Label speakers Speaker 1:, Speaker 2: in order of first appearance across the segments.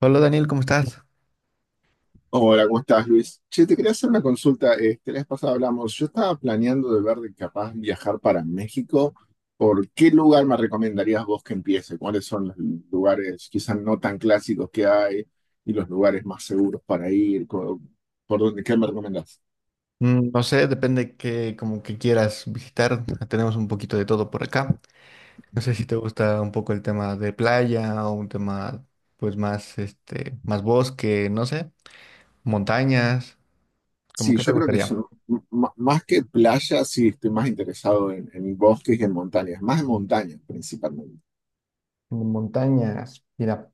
Speaker 1: Hola Daniel, ¿cómo estás?
Speaker 2: Hola, ¿cómo estás, Luis? Che, te quería hacer una consulta. La vez pasada hablamos, yo estaba planeando de ver de capaz viajar para México. ¿Por qué lugar me recomendarías vos que empiece? ¿Cuáles son los lugares quizás no tan clásicos que hay y los lugares más seguros para ir? ¿Por dónde? ¿Qué me recomendás?
Speaker 1: Mm, no sé, depende que como que quieras visitar. Tenemos un poquito de todo por acá. No sé si te gusta un poco el tema de playa o un tema pues más más bosque, no sé, montañas, ¿cómo
Speaker 2: Sí,
Speaker 1: que
Speaker 2: yo
Speaker 1: te
Speaker 2: creo que
Speaker 1: gustaría?
Speaker 2: más que playas. Sí estoy más interesado en bosques y en montañas, más en montañas principalmente.
Speaker 1: Montañas. Mira,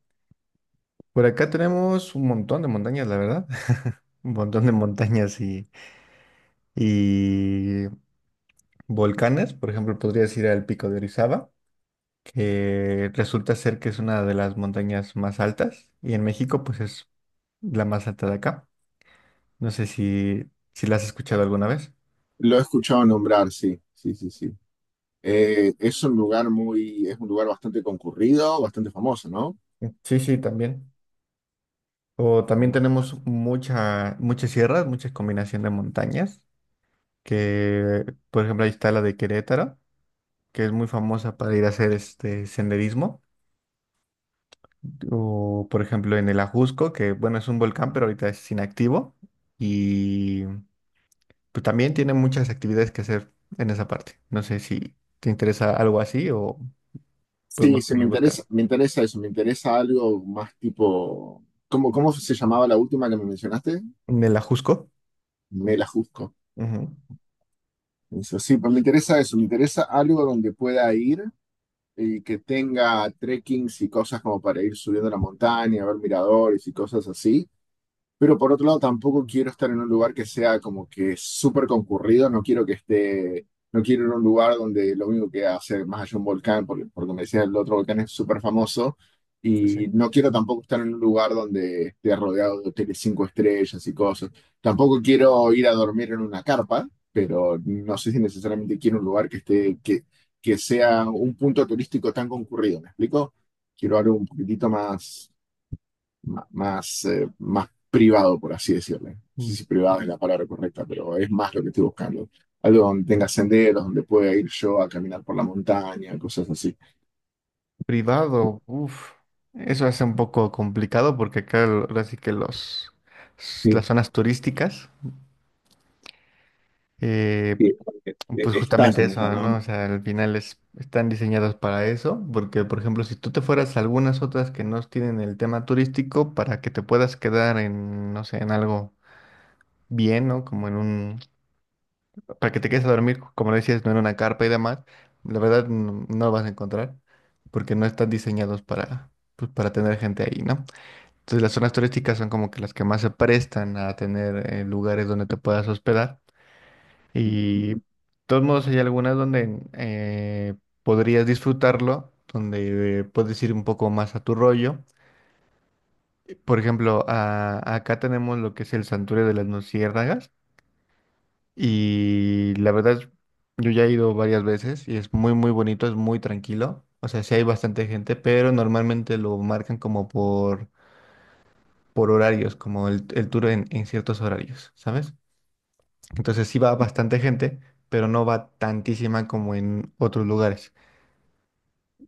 Speaker 1: por acá tenemos un montón de montañas, la verdad. Un montón de montañas y volcanes, por ejemplo, podrías ir al Pico de Orizaba, que resulta ser que es una de las montañas más altas, y en México pues es la más alta de acá. No sé si, si la has escuchado alguna vez.
Speaker 2: Lo he escuchado nombrar, sí, sí, sí, sí. Es un lugar bastante concurrido, bastante famoso, ¿no?
Speaker 1: Sí, sí, también. O también tenemos muchas sierras, mucha combinación de montañas, que por ejemplo ahí está la de Querétaro, que es muy famosa para ir a hacer senderismo. O por ejemplo en el Ajusco, que bueno, es un volcán, pero ahorita es inactivo. Pues también tiene muchas actividades que hacer en esa parte. No sé si te interesa algo así o
Speaker 2: Sí,
Speaker 1: podemos
Speaker 2: sí, me
Speaker 1: seguir buscando.
Speaker 2: interesa, me interesa eso, me interesa algo más tipo. ¿Cómo se llamaba la última que me mencionaste?
Speaker 1: En el Ajusco,
Speaker 2: Me la juzgo.
Speaker 1: ujú.
Speaker 2: Eso, sí, pues me interesa eso, me interesa algo donde pueda ir y que tenga trekkings y cosas como para ir subiendo la montaña, ver miradores y cosas así. Pero por otro lado, tampoco quiero estar en un lugar que sea como que súper concurrido. No quiero ir a un lugar donde lo único que hace más allá un volcán, porque me decía el otro volcán es súper famoso.
Speaker 1: Sí, sí.
Speaker 2: Y no quiero tampoco estar en un lugar donde esté rodeado de hoteles cinco estrellas y cosas. Tampoco quiero ir a dormir en una carpa, pero no sé si necesariamente quiero un lugar que sea un punto turístico tan concurrido. ¿Me explico? Quiero algo un poquitito más privado, por así decirlo. No sé
Speaker 1: mm,
Speaker 2: si privado es la palabra correcta, pero es más lo que estoy buscando. Algo donde tenga senderos, donde pueda ir yo a caminar por la montaña, cosas así.
Speaker 1: Privado, eso hace un poco complicado porque acá ahora sí que
Speaker 2: Sí,
Speaker 1: las zonas turísticas, eh,
Speaker 2: sí,
Speaker 1: pues
Speaker 2: está
Speaker 1: justamente
Speaker 2: yendo,
Speaker 1: eso,
Speaker 2: ¿no?
Speaker 1: ¿no? O sea, al final están diseñadas para eso, porque por ejemplo, si tú te fueras a algunas otras que no tienen el tema turístico, para que te puedas quedar en, no sé, en algo bien, ¿no? Como en un, para que te quedes a dormir, como lo decías, no en una carpa y demás, la verdad no, no lo vas a encontrar porque no están diseñados para, pues, para tener gente ahí, ¿no? Entonces las zonas turísticas son como que las que más se prestan a tener lugares donde te puedas hospedar. Y de todos modos hay algunas donde podrías disfrutarlo, donde puedes ir un poco más a tu rollo. Por ejemplo, acá tenemos lo que es el Santuario de las Luciérnagas. Y la verdad, yo ya he ido varias veces y es muy, muy bonito, es muy tranquilo. O sea, sí hay bastante gente, pero normalmente lo marcan como por horarios, como el tour en ciertos horarios, ¿sabes? Entonces sí va bastante gente, pero no va tantísima como en otros lugares.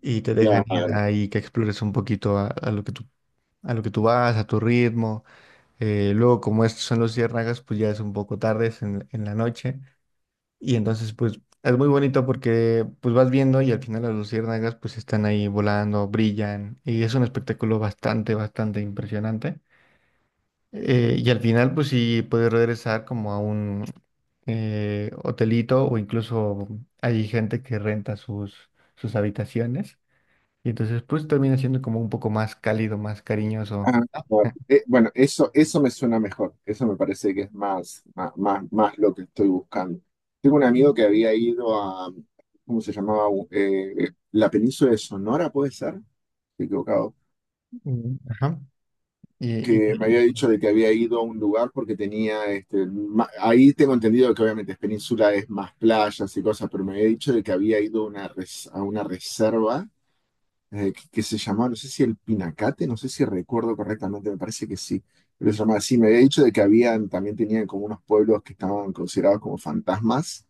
Speaker 1: Y te dejan
Speaker 2: Claro.
Speaker 1: ir ahí que explores un poquito a lo que a lo que tú vas, a tu ritmo. Luego, como estos son los ciérnagas, pues ya es un poco tarde, es en la noche. Y entonces, pues, es muy bonito porque, pues, vas viendo y al final las luciérnagas, pues, están ahí volando, brillan, y es un espectáculo bastante, bastante impresionante. Y al final, pues, sí puedes regresar como a un hotelito, o incluso hay gente que renta sus habitaciones. Y entonces, pues, termina siendo como un poco más cálido, más cariñoso.
Speaker 2: Ah,
Speaker 1: Ah.
Speaker 2: claro. Bueno, eso me suena mejor. Eso me parece que es más lo que estoy buscando. Tengo un amigo que había ido a, ¿cómo se llamaba? La península de Sonora, ¿puede ser? Estoy equivocado.
Speaker 1: Ujú. Ajá. Y, y-
Speaker 2: Que me
Speaker 1: y-
Speaker 2: había dicho de que había ido a un lugar porque tenía, ahí tengo entendido que obviamente es península, es más playas y cosas, pero me había dicho de que había ido a a una reserva que se llamaba, no sé si el Pinacate, no sé si recuerdo correctamente, me parece que sí, pero se llamaba así, me había dicho de que habían, también tenían como unos pueblos que estaban considerados como fantasmas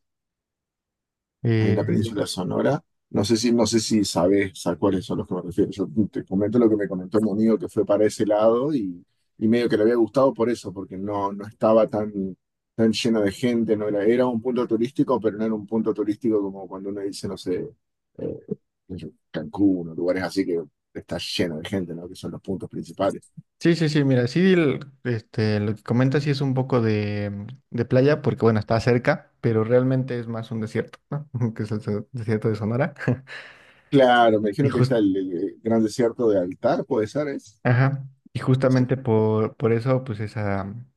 Speaker 2: en la
Speaker 1: eh,
Speaker 2: península Sonora. No sé si sabes a cuáles son los que me refiero. Yo te comento lo que me comentó mi amigo que fue para ese lado, y medio que le había gustado por eso, porque no, no estaba tan lleno de gente, no era, era un punto turístico, pero no era un punto turístico como cuando uno dice, no sé, eh, Cancún o lugares así que está lleno de gente, ¿no? Que son los puntos principales.
Speaker 1: Sí, sí, sí, mira, sí, lo que comentas sí es un poco de, mm, de playa, porque bueno, está cerca, pero realmente es más un desierto, ¿no? Que es el desierto de Sonora.
Speaker 2: Claro, me
Speaker 1: Y
Speaker 2: dijeron que está
Speaker 1: jus-
Speaker 2: el Gran Desierto de Altar, puede ser, es.
Speaker 1: ajá, y
Speaker 2: Ese.
Speaker 1: justamente por eso, pues esa, mm,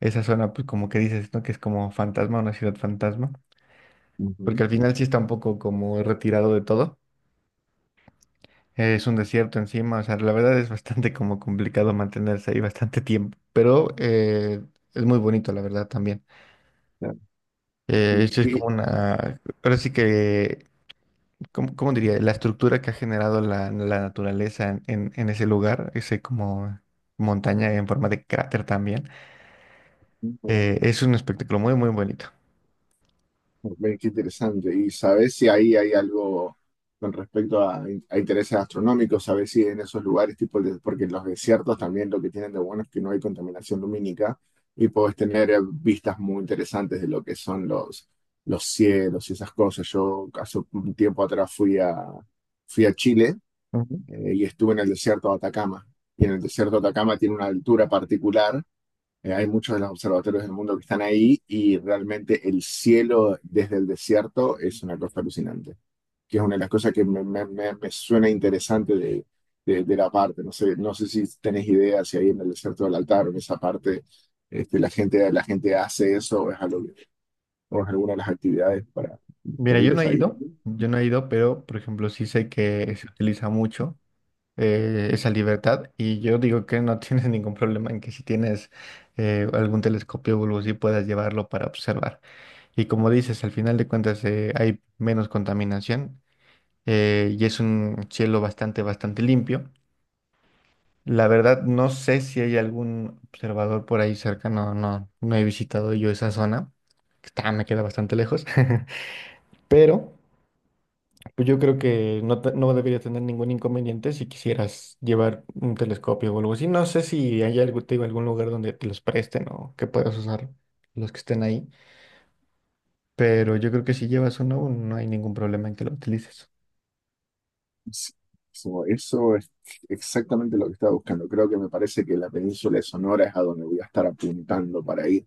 Speaker 1: esa zona, pues como que dices, ¿no? Que es como fantasma, una ciudad fantasma, porque
Speaker 2: Ujú,
Speaker 1: al final sí está un poco como retirado de todo. Es un desierto encima, o sea, la verdad es bastante como complicado mantenerse ahí bastante tiempo, pero es muy bonito, la verdad, también.
Speaker 2: claro. ¿Y
Speaker 1: Sí es como
Speaker 2: qué?
Speaker 1: una, ahora sí que, ¿cómo, cómo diría? La estructura que ha generado la naturaleza en ese lugar, ese como montaña en forma de cráter también, es un espectáculo muy, muy bonito.
Speaker 2: Ve, qué interesante. ¿Y sabes si ahí hay algo con respecto a intereses astronómicos? ¿Sabes si en esos lugares, tipo, porque en los desiertos también lo que tienen de bueno es que no hay contaminación lumínica y puedes tener vistas muy interesantes de lo que son los cielos y esas cosas? Yo hace un tiempo atrás fui a Chile
Speaker 1: Ujú.
Speaker 2: y estuve en el desierto de Atacama. Y en el desierto de Atacama tiene una altura particular. Eh, hay muchos de los observatorios del mundo que están ahí y realmente el cielo desde el desierto es una cosa alucinante, que es una de las cosas que me suena interesante de la parte. No sé si tenés idea si ahí en el desierto del altar o en esa parte la gente hace eso o es alguna de las actividades para,
Speaker 1: Mira,
Speaker 2: disponibles ahí.
Speaker 1: yo no he ido, pero por ejemplo sí sé que se utiliza mucho esa libertad, y yo digo que no tienes ningún problema en que si tienes algún telescopio o algo así puedas llevarlo para observar. Y como dices, al final de cuentas hay menos contaminación, y es un cielo bastante, bastante limpio. La verdad, no sé si hay algún observador por ahí cerca, no, no, no he visitado yo esa zona, me queda bastante lejos, pero pues yo creo que no, no debería tener ningún inconveniente si quisieras llevar un telescopio o algo así. No sé si hay algo, te digo, algún lugar donde te los presten o que puedas usar los que estén ahí, pero yo creo que si llevas uno, no hay ningún problema en que lo utilices.
Speaker 2: Sí, eso es exactamente lo que estaba buscando. Creo que me parece que la península de Sonora es a donde voy a estar apuntando para ir.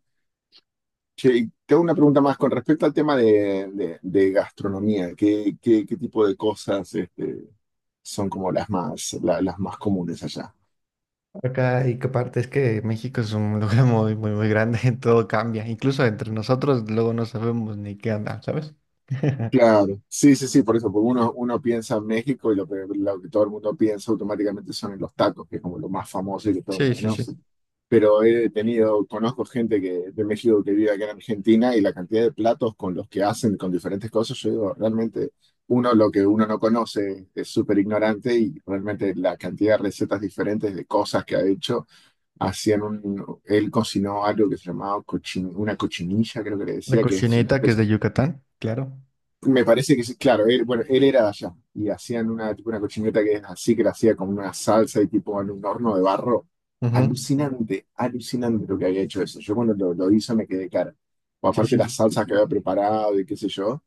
Speaker 2: Che, y te hago una pregunta más con respecto al tema de gastronomía. ¿Qué tipo de cosas son como las más comunes allá?
Speaker 1: Acá, y que aparte es que México es un lugar muy, muy, muy grande, todo cambia. Incluso entre nosotros luego no sabemos ni qué anda, ¿sabes?
Speaker 2: Claro, sí, sí, sí, por eso, porque uno piensa en México y lo que todo el mundo piensa automáticamente son en los tacos, que es como lo más famoso y que todo el
Speaker 1: Sí,
Speaker 2: mundo
Speaker 1: sí, sí.
Speaker 2: conoce. Pero conozco gente que, de México, que vive acá en Argentina, y la cantidad de platos con los que hacen, con diferentes cosas, yo digo, realmente uno lo que uno no conoce es súper ignorante, y realmente la cantidad de recetas diferentes de cosas que ha hecho, hacían él cocinó algo que se llamaba una cochinilla, creo que le
Speaker 1: La
Speaker 2: decía, que es una
Speaker 1: cocineta, que es
Speaker 2: especie.
Speaker 1: de Yucatán, claro.
Speaker 2: Me parece que sí, claro, él, bueno, él era de allá y hacían una, tipo una cochineta que es así, que la hacía como una salsa y tipo en un horno de barro.
Speaker 1: Ujú.
Speaker 2: Alucinante, alucinante lo que había hecho eso. Yo cuando lo hice me quedé cara. O
Speaker 1: Sí,
Speaker 2: aparte
Speaker 1: sí,
Speaker 2: las
Speaker 1: sí.
Speaker 2: salsas que había preparado y qué sé yo.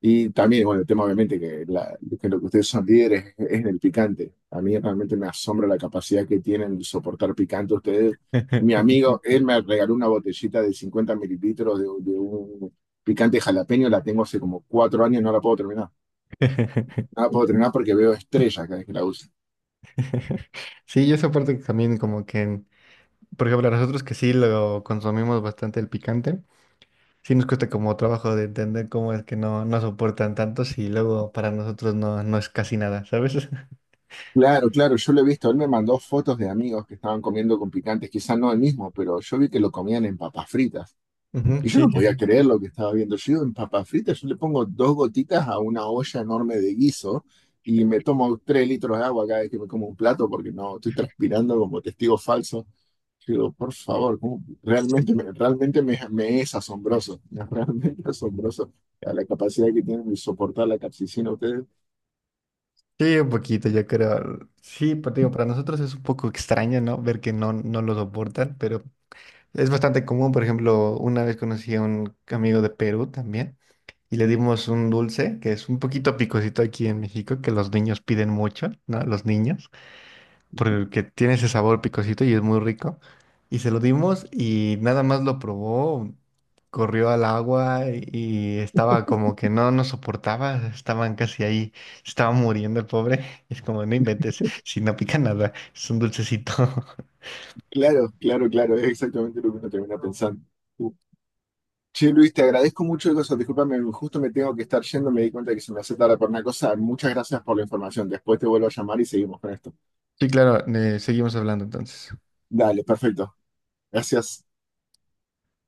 Speaker 2: Y también, bueno, el tema obviamente que lo que ustedes son líderes es, en el picante. A mí realmente me asombra la capacidad que tienen de soportar picante ustedes. Mi amigo, él me regaló una botellita de 50 mililitros de un picante jalapeño, la tengo hace como 4 años, no la puedo terminar. No la puedo terminar porque veo estrellas cada vez que la uso.
Speaker 1: Sí, yo esa parte también como que, por ejemplo, a nosotros que sí lo consumimos bastante el picante, sí nos cuesta como trabajo de entender cómo es que no, no soportan tanto, si luego para nosotros no, no es casi nada, ¿sabes?
Speaker 2: Claro, claro, yo lo he visto. Él me mandó fotos de amigos que estaban comiendo con picantes, quizás no el mismo, pero yo vi que lo comían en papas fritas.
Speaker 1: Ujú,
Speaker 2: Y yo
Speaker 1: sí,
Speaker 2: no
Speaker 1: sí,
Speaker 2: podía
Speaker 1: sí.
Speaker 2: creer lo que estaba viendo. Yo digo, en papas fritas yo le pongo dos gotitas a una olla enorme de guiso y me tomo 3 litros de agua cada vez que me como un plato, porque no, estoy transpirando como testigo falso. Yo digo, por favor, ¿cómo? Realmente me es asombroso, es realmente asombroso a la capacidad que tienen de soportar la capsicina ustedes.
Speaker 1: Sí, un poquito, yo creo. Sí, pero te digo, para nosotros es un poco extraño, ¿no? Ver que no, no lo soportan, pero es bastante común. Por ejemplo, una vez conocí a un amigo de Perú también y le dimos un dulce que es un poquito picosito aquí en México, que los niños piden mucho, ¿no? Los niños, porque tiene ese sabor picosito y es muy rico. Y se lo dimos y nada más lo probó, corrió al agua y estaba como que no nos soportaba, estaban casi ahí, estaba muriendo el pobre. Es como, no inventes, si no pica nada, es un dulcecito.
Speaker 2: Claro, claro, claro, es exactamente lo que uno termina pensando. Che, Luis, te agradezco mucho de eso. Discúlpame, justo me tengo que estar yendo. Me di cuenta que se me hace tarde por una cosa. Muchas gracias por la información. Después te vuelvo a llamar y seguimos con esto.
Speaker 1: Sí, claro, seguimos hablando entonces.
Speaker 2: Dale, perfecto. Gracias.